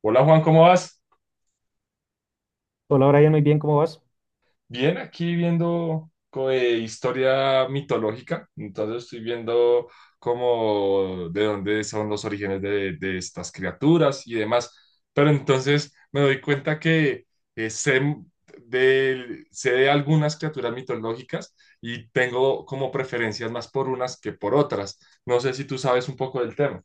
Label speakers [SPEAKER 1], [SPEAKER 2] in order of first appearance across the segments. [SPEAKER 1] Hola Juan, ¿cómo vas?
[SPEAKER 2] Hola, Brian, muy bien, ¿cómo vas?
[SPEAKER 1] Bien, aquí viendo historia mitológica, entonces estoy viendo cómo de dónde son los orígenes de estas criaturas y demás, pero entonces me doy cuenta que eh, sé sé de algunas criaturas mitológicas y tengo como preferencias más por unas que por otras. No sé si tú sabes un poco del tema.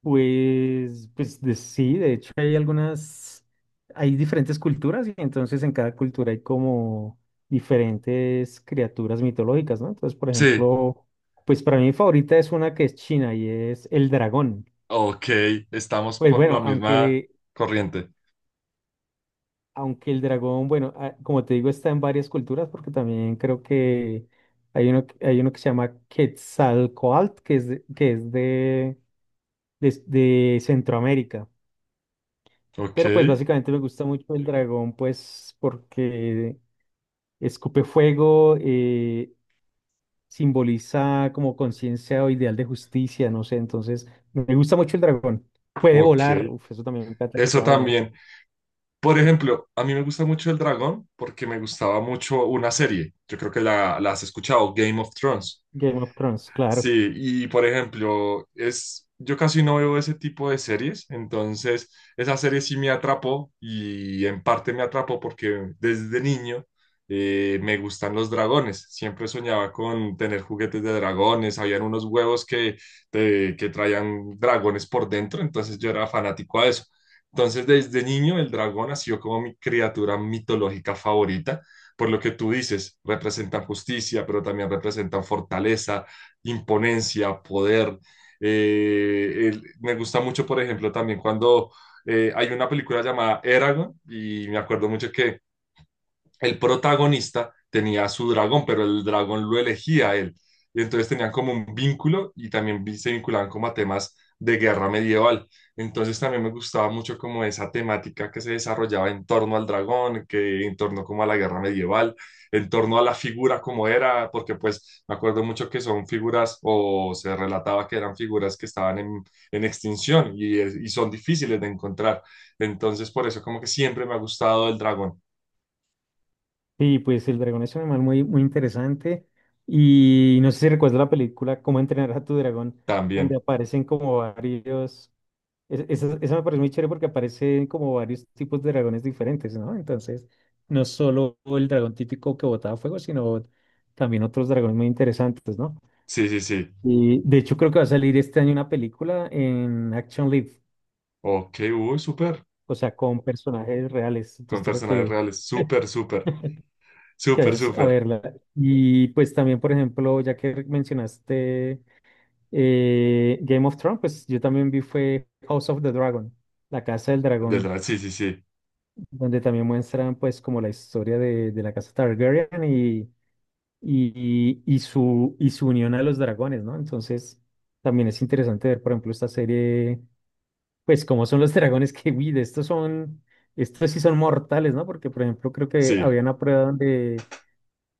[SPEAKER 2] Pues sí, de hecho hay algunas, hay diferentes culturas y entonces en cada cultura hay como diferentes criaturas mitológicas, ¿no? Entonces, por
[SPEAKER 1] Sí,
[SPEAKER 2] ejemplo, pues para mí mi favorita es una que es china y es el dragón.
[SPEAKER 1] ok, estamos
[SPEAKER 2] Pues
[SPEAKER 1] por
[SPEAKER 2] bueno,
[SPEAKER 1] la misma
[SPEAKER 2] aunque,
[SPEAKER 1] corriente.
[SPEAKER 2] aunque el dragón, bueno, como te digo, está en varias culturas porque también creo que hay uno, hay uno que se llama Quetzalcóatl, que es de, de Centroamérica.
[SPEAKER 1] Ok,
[SPEAKER 2] Pero pues básicamente me gusta mucho el dragón, pues porque escupe fuego, simboliza como conciencia o ideal de justicia, no sé, entonces me gusta mucho el dragón. Puede
[SPEAKER 1] ok.
[SPEAKER 2] volar, uf, eso también me encanta que
[SPEAKER 1] Eso
[SPEAKER 2] pueda volar.
[SPEAKER 1] también. Por ejemplo, a mí me gusta mucho El Dragón porque me gustaba mucho una serie. Yo creo que la has escuchado, Game of Thrones.
[SPEAKER 2] Game of Thrones, claro.
[SPEAKER 1] Sí, y por ejemplo, yo casi no veo ese tipo de series, entonces esa serie sí me atrapó y en parte me atrapó porque desde niño me gustan los dragones, siempre soñaba con tener juguetes de dragones, habían unos huevos que traían dragones por dentro, entonces yo era fanático a eso. Entonces desde niño el dragón ha sido como mi criatura mitológica favorita, por lo que tú dices, representan justicia, pero también representan fortaleza, imponencia, poder. Me gusta mucho, por ejemplo, también cuando hay una película llamada Eragon y me acuerdo mucho que el protagonista tenía su dragón, pero el dragón lo elegía a él. Y entonces tenían como un vínculo y también se vinculaban como a temas de guerra medieval. Entonces también me gustaba mucho como esa temática que se desarrollaba en torno al dragón, que en torno como a la guerra medieval, en torno a la figura como era, porque pues me acuerdo mucho que son figuras o se relataba que eran figuras que estaban en extinción y son difíciles de encontrar. Entonces por eso como que siempre me ha gustado el dragón
[SPEAKER 2] Y pues el dragón es un animal muy, muy interesante y no sé si recuerdas la película Cómo entrenar a tu dragón, donde
[SPEAKER 1] también.
[SPEAKER 2] aparecen como varios. Esa, esa me parece muy chévere porque aparecen como varios tipos de dragones diferentes, ¿no? Entonces, no solo el dragón típico que botaba fuego, sino también otros dragones muy interesantes, ¿no?
[SPEAKER 1] Sí, sí, sí.
[SPEAKER 2] Y de hecho creo que va a salir este año una película en Action Live,
[SPEAKER 1] Ok, uy, súper.
[SPEAKER 2] o sea, con personajes reales.
[SPEAKER 1] Con
[SPEAKER 2] Entonces toca
[SPEAKER 1] personajes
[SPEAKER 2] que,
[SPEAKER 1] reales. Súper, súper.
[SPEAKER 2] que
[SPEAKER 1] Súper,
[SPEAKER 2] vayas a
[SPEAKER 1] súper.
[SPEAKER 2] verla. Y pues también, por ejemplo, ya que mencionaste Game of Thrones, pues yo también vi fue House of the Dragon, La Casa del
[SPEAKER 1] Desde
[SPEAKER 2] Dragón,
[SPEAKER 1] la... Sí, sí, sí.
[SPEAKER 2] donde también muestran pues como la historia de la casa Targaryen y su, y su unión a los dragones, ¿no? Entonces también es interesante ver, por ejemplo, esta serie, pues cómo son los dragones que, uy, de estos son, estos sí son mortales, ¿no? Porque, por ejemplo, creo que
[SPEAKER 1] Sí.
[SPEAKER 2] había una prueba donde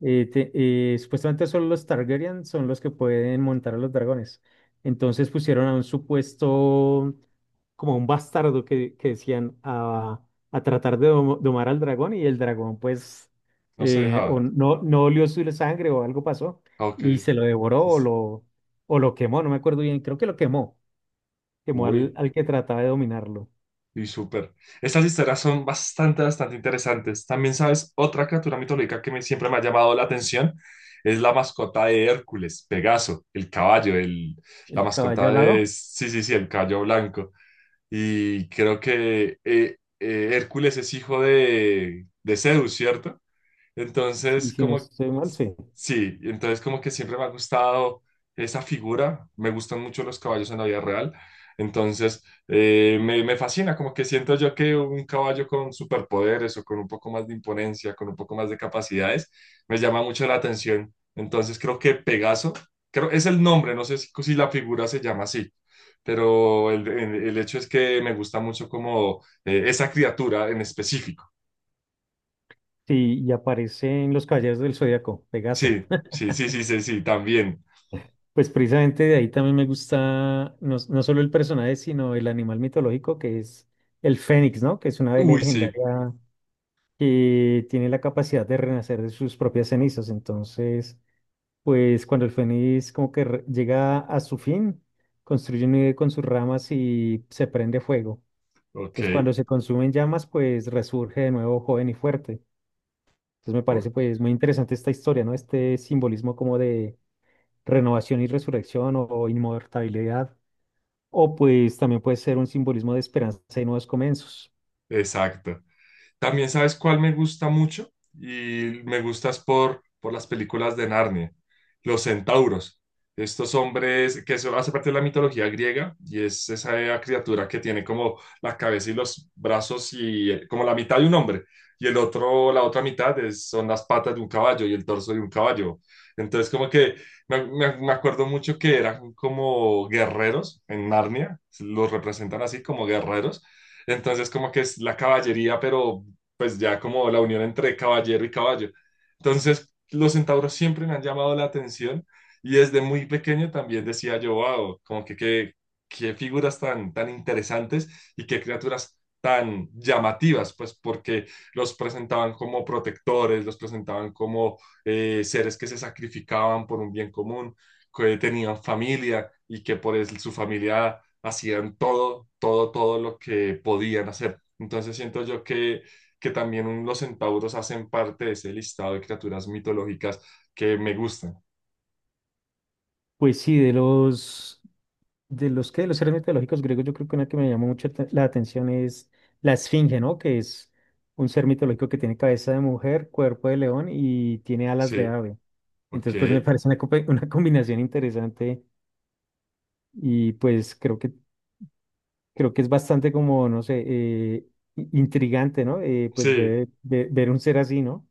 [SPEAKER 2] eh, te- supuestamente solo los Targaryen son los que pueden montar a los dragones. Entonces pusieron a un supuesto, como un bastardo que decían a tratar de domar al dragón y el dragón pues
[SPEAKER 1] No se
[SPEAKER 2] o
[SPEAKER 1] dejaba.
[SPEAKER 2] no, no olió su sangre o algo pasó
[SPEAKER 1] Ah, ok.
[SPEAKER 2] y se lo devoró
[SPEAKER 1] Sí, sí.
[SPEAKER 2] o lo quemó, no me acuerdo bien, creo que lo quemó, quemó al,
[SPEAKER 1] Uy,
[SPEAKER 2] al que trataba de dominarlo.
[SPEAKER 1] y súper. Estas historias son bastante, bastante interesantes. También, ¿sabes? Otra criatura mitológica que siempre me ha llamado la atención es la mascota de Hércules, Pegaso, el caballo, el, la
[SPEAKER 2] El caballo
[SPEAKER 1] mascota de...
[SPEAKER 2] alado,
[SPEAKER 1] Sí, sí, sí, el caballo blanco. Y creo que Hércules es hijo de Zeus, ¿cierto?
[SPEAKER 2] sí,
[SPEAKER 1] Entonces,
[SPEAKER 2] si no
[SPEAKER 1] como,
[SPEAKER 2] estoy mal, sí.
[SPEAKER 1] sí, entonces como que siempre me ha gustado esa figura, me gustan mucho los caballos en la vida real, entonces me fascina, como que siento yo que un caballo con superpoderes o con un poco más de imponencia, con un poco más de capacidades, me llama mucho la atención. Entonces creo que Pegaso, creo, es el nombre, no sé si la figura se llama así, pero el hecho es que me gusta mucho como esa criatura en específico.
[SPEAKER 2] Sí, y aparecen los caballeros del Zodíaco, Pegaso.
[SPEAKER 1] Sí, sí, sí, sí, sí, sí, también.
[SPEAKER 2] Pues precisamente de ahí también me gusta no, no solo el personaje, sino el animal mitológico que es el fénix, ¿no? Que es una ave
[SPEAKER 1] Uy, sí,
[SPEAKER 2] legendaria que tiene la capacidad de renacer de sus propias cenizas. Entonces, pues cuando el fénix como que llega a su fin, construye un nido con sus ramas y se prende fuego.
[SPEAKER 1] ok,
[SPEAKER 2] Entonces, cuando se consumen llamas, pues resurge de nuevo joven y fuerte. Entonces, me parece
[SPEAKER 1] ok,
[SPEAKER 2] pues muy interesante esta historia, ¿no? Este simbolismo como de renovación y resurrección o inmortalidad. O pues también puede ser un simbolismo de esperanza y nuevos comienzos.
[SPEAKER 1] exacto. También sabes cuál me gusta mucho y me gustas por las películas de Narnia, los centauros. Estos hombres que eso hace parte de la mitología griega y es esa criatura que tiene como la cabeza y los brazos y como la mitad de un hombre y el otro, la otra mitad son las patas de un caballo y el torso de un caballo. Entonces como que me acuerdo mucho que eran como guerreros en Narnia, los representan así como guerreros. Entonces, como que es la caballería, pero pues ya como la unión entre caballero y caballo. Entonces, los centauros siempre me han llamado la atención y desde muy pequeño también decía yo, wow, como que qué figuras tan, tan interesantes y qué criaturas tan llamativas, pues porque los presentaban como protectores, los presentaban como seres que se sacrificaban por un bien común, que tenían familia y que por su familia hacían todo, todo, todo lo que podían hacer. Entonces siento yo que también los centauros hacen parte de ese listado de criaturas mitológicas que me gustan.
[SPEAKER 2] Pues sí, de los seres mitológicos griegos, yo creo que una que me llamó mucho la atención es la esfinge, ¿no? Que es un ser mitológico que tiene cabeza de mujer, cuerpo de león y tiene alas de
[SPEAKER 1] Sí,
[SPEAKER 2] ave. Entonces, pues me
[SPEAKER 1] ok,
[SPEAKER 2] parece una, una combinación interesante y pues creo que es bastante como, no sé, intrigante, ¿no? Pues
[SPEAKER 1] sí.
[SPEAKER 2] ver un ser así, ¿no?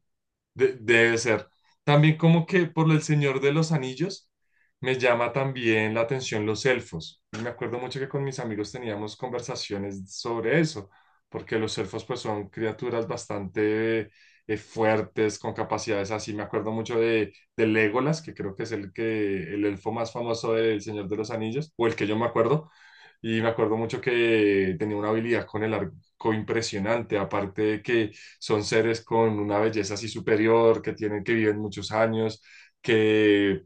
[SPEAKER 1] Debe ser. También como que por El Señor de los Anillos me llama también la atención los elfos. Y me acuerdo mucho que con mis amigos teníamos conversaciones sobre eso, porque los elfos pues son criaturas bastante fuertes, con capacidades así. Me acuerdo mucho de Legolas, que creo que es el elfo más famoso del Señor de los Anillos, o el que yo me acuerdo. Y me acuerdo mucho que tenía una habilidad con el arco impresionante, aparte de que son seres con una belleza así superior, que tienen que vivir muchos años, que,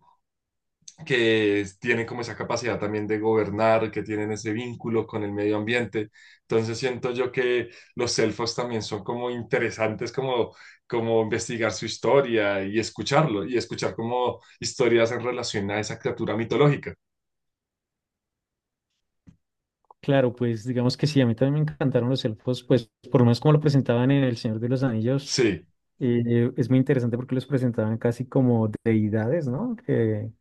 [SPEAKER 1] que tienen como esa capacidad también de gobernar, que tienen ese vínculo con el medio ambiente. Entonces siento yo que los elfos también son como interesantes, como, como investigar su historia y escucharlo, y escuchar como historias en relación a esa criatura mitológica.
[SPEAKER 2] Claro, pues digamos que sí, a mí también me encantaron los elfos, pues por lo menos como lo presentaban en El Señor de los Anillos,
[SPEAKER 1] Sí,
[SPEAKER 2] es muy interesante porque los presentaban casi como deidades, ¿no? Que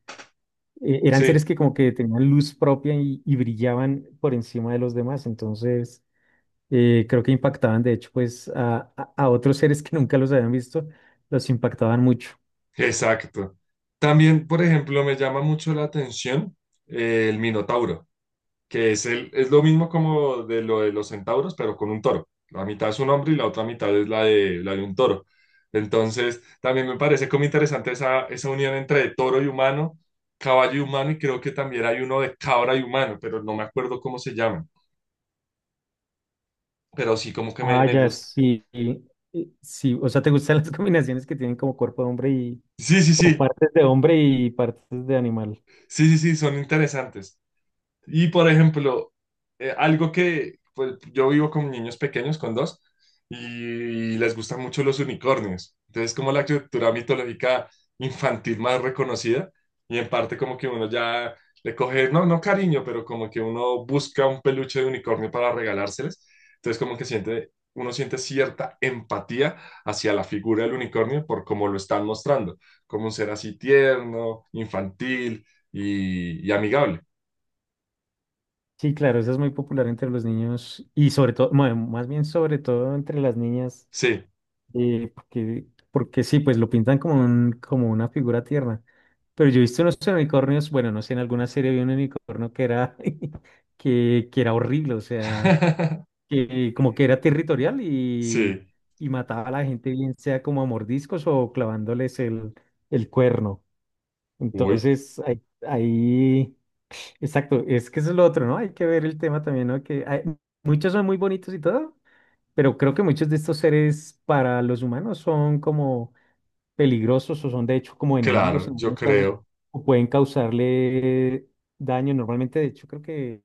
[SPEAKER 2] eran seres
[SPEAKER 1] sí,
[SPEAKER 2] que como que tenían luz propia y brillaban por encima de los demás, entonces creo que impactaban de hecho pues a, a otros seres que nunca los habían visto, los impactaban mucho.
[SPEAKER 1] exacto. También, por ejemplo, me llama mucho la atención el Minotauro. Que es lo mismo como de lo de los centauros, pero con un toro. La mitad es un hombre y la otra mitad es la de un toro. Entonces, también me parece como interesante esa, esa unión entre toro y humano, caballo y humano, y creo que también hay uno de cabra y humano, pero no me acuerdo cómo se llaman, pero sí como que
[SPEAKER 2] Ah,
[SPEAKER 1] me
[SPEAKER 2] ya,
[SPEAKER 1] gusta.
[SPEAKER 2] sí. Sí, o sea, ¿te gustan las combinaciones que tienen como cuerpo de hombre y
[SPEAKER 1] Sí, sí,
[SPEAKER 2] o
[SPEAKER 1] sí,
[SPEAKER 2] partes de hombre y partes de animal?
[SPEAKER 1] sí, sí, sí, son interesantes. Y por ejemplo, algo que pues, yo vivo con niños pequeños, con dos, y les gustan mucho los unicornios. Entonces, como la cultura mitológica infantil más reconocida, y en parte como que uno ya le coge, no, no cariño, pero como que uno busca un peluche de unicornio para regalárseles. Entonces, como que siente, uno siente cierta empatía hacia la figura del unicornio por cómo lo están mostrando, como un ser así tierno, infantil y amigable.
[SPEAKER 2] Sí, claro, eso es muy popular entre los niños y sobre todo, bueno, más bien sobre todo entre las niñas,
[SPEAKER 1] Sí.
[SPEAKER 2] porque, porque sí, pues lo pintan como un, como una figura tierna. Pero yo he visto unos unicornios, bueno, no sé, en alguna serie vi un unicornio que era, que era horrible, o sea, que como que era territorial
[SPEAKER 1] Sí,
[SPEAKER 2] y mataba a la gente, bien sea como a mordiscos o clavándoles el cuerno.
[SPEAKER 1] uy,
[SPEAKER 2] Entonces, ahí, ahí exacto, es que eso es lo otro, ¿no? Hay que ver el tema también, ¿no? Muchos son muy bonitos y todo, pero creo que muchos de estos seres para los humanos son como peligrosos o son de hecho como enemigos
[SPEAKER 1] claro,
[SPEAKER 2] en
[SPEAKER 1] yo
[SPEAKER 2] algunos casos
[SPEAKER 1] creo.
[SPEAKER 2] o pueden causarle daño. Normalmente, de hecho,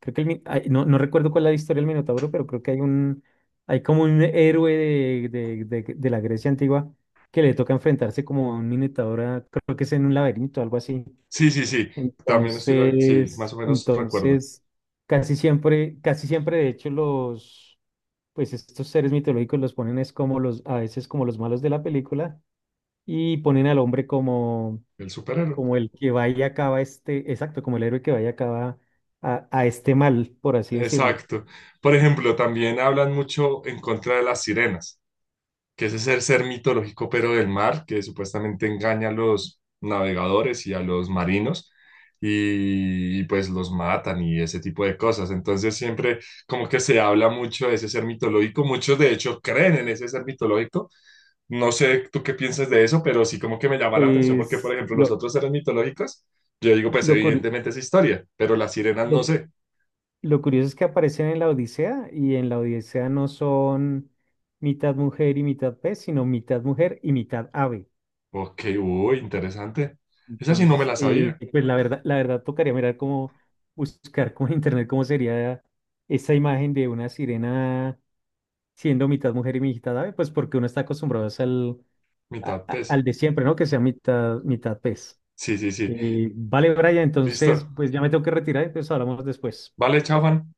[SPEAKER 2] creo que el ay, no, no recuerdo cuál es la historia del Minotauro, pero creo que hay un hay como un héroe de la Grecia antigua que le toca enfrentarse como a un Minotauro, creo que es en un laberinto, algo así.
[SPEAKER 1] Sí, sí, sí, también estoy, sí, más o
[SPEAKER 2] Entonces,
[SPEAKER 1] menos recuerdo,
[SPEAKER 2] entonces, casi siempre, de hecho, los, pues estos seres mitológicos los ponen es como los, a veces como los malos de la película y ponen al hombre como,
[SPEAKER 1] el superhéroe.
[SPEAKER 2] como el que va y acaba este, exacto, como el héroe que va y acaba a este mal, por así decirlo.
[SPEAKER 1] Exacto. Por ejemplo, también hablan mucho en contra de las sirenas. Que es ese ser mitológico pero del mar, que supuestamente engaña a los navegadores y a los marinos y, pues los matan y ese tipo de cosas. Entonces siempre como que se habla mucho de ese ser mitológico, muchos de hecho creen en ese ser mitológico. No sé tú qué piensas de eso, pero sí como que me llama la atención porque, por
[SPEAKER 2] Pues
[SPEAKER 1] ejemplo, los
[SPEAKER 2] lo,
[SPEAKER 1] otros seres mitológicos, yo digo, pues
[SPEAKER 2] lo, cur-
[SPEAKER 1] evidentemente es historia, pero las sirenas no
[SPEAKER 2] lo,
[SPEAKER 1] sé.
[SPEAKER 2] lo curioso es que aparecen en la Odisea y en la Odisea no son mitad mujer y mitad pez, sino mitad mujer y mitad ave.
[SPEAKER 1] Ok, uy, interesante. Esa sí no me
[SPEAKER 2] Entonces,
[SPEAKER 1] la sabía,
[SPEAKER 2] pues la verdad tocaría mirar cómo buscar como en internet cómo sería esa imagen de una sirena siendo mitad mujer y mitad ave, pues porque uno está acostumbrado es al,
[SPEAKER 1] mitad pez.
[SPEAKER 2] al de siempre, ¿no? Que sea mitad, mitad pez.
[SPEAKER 1] Sí, sí, sí.
[SPEAKER 2] Vale, Brian, entonces,
[SPEAKER 1] Listo.
[SPEAKER 2] pues ya me tengo que retirar, entonces hablamos después.
[SPEAKER 1] Vale, chao, Juan.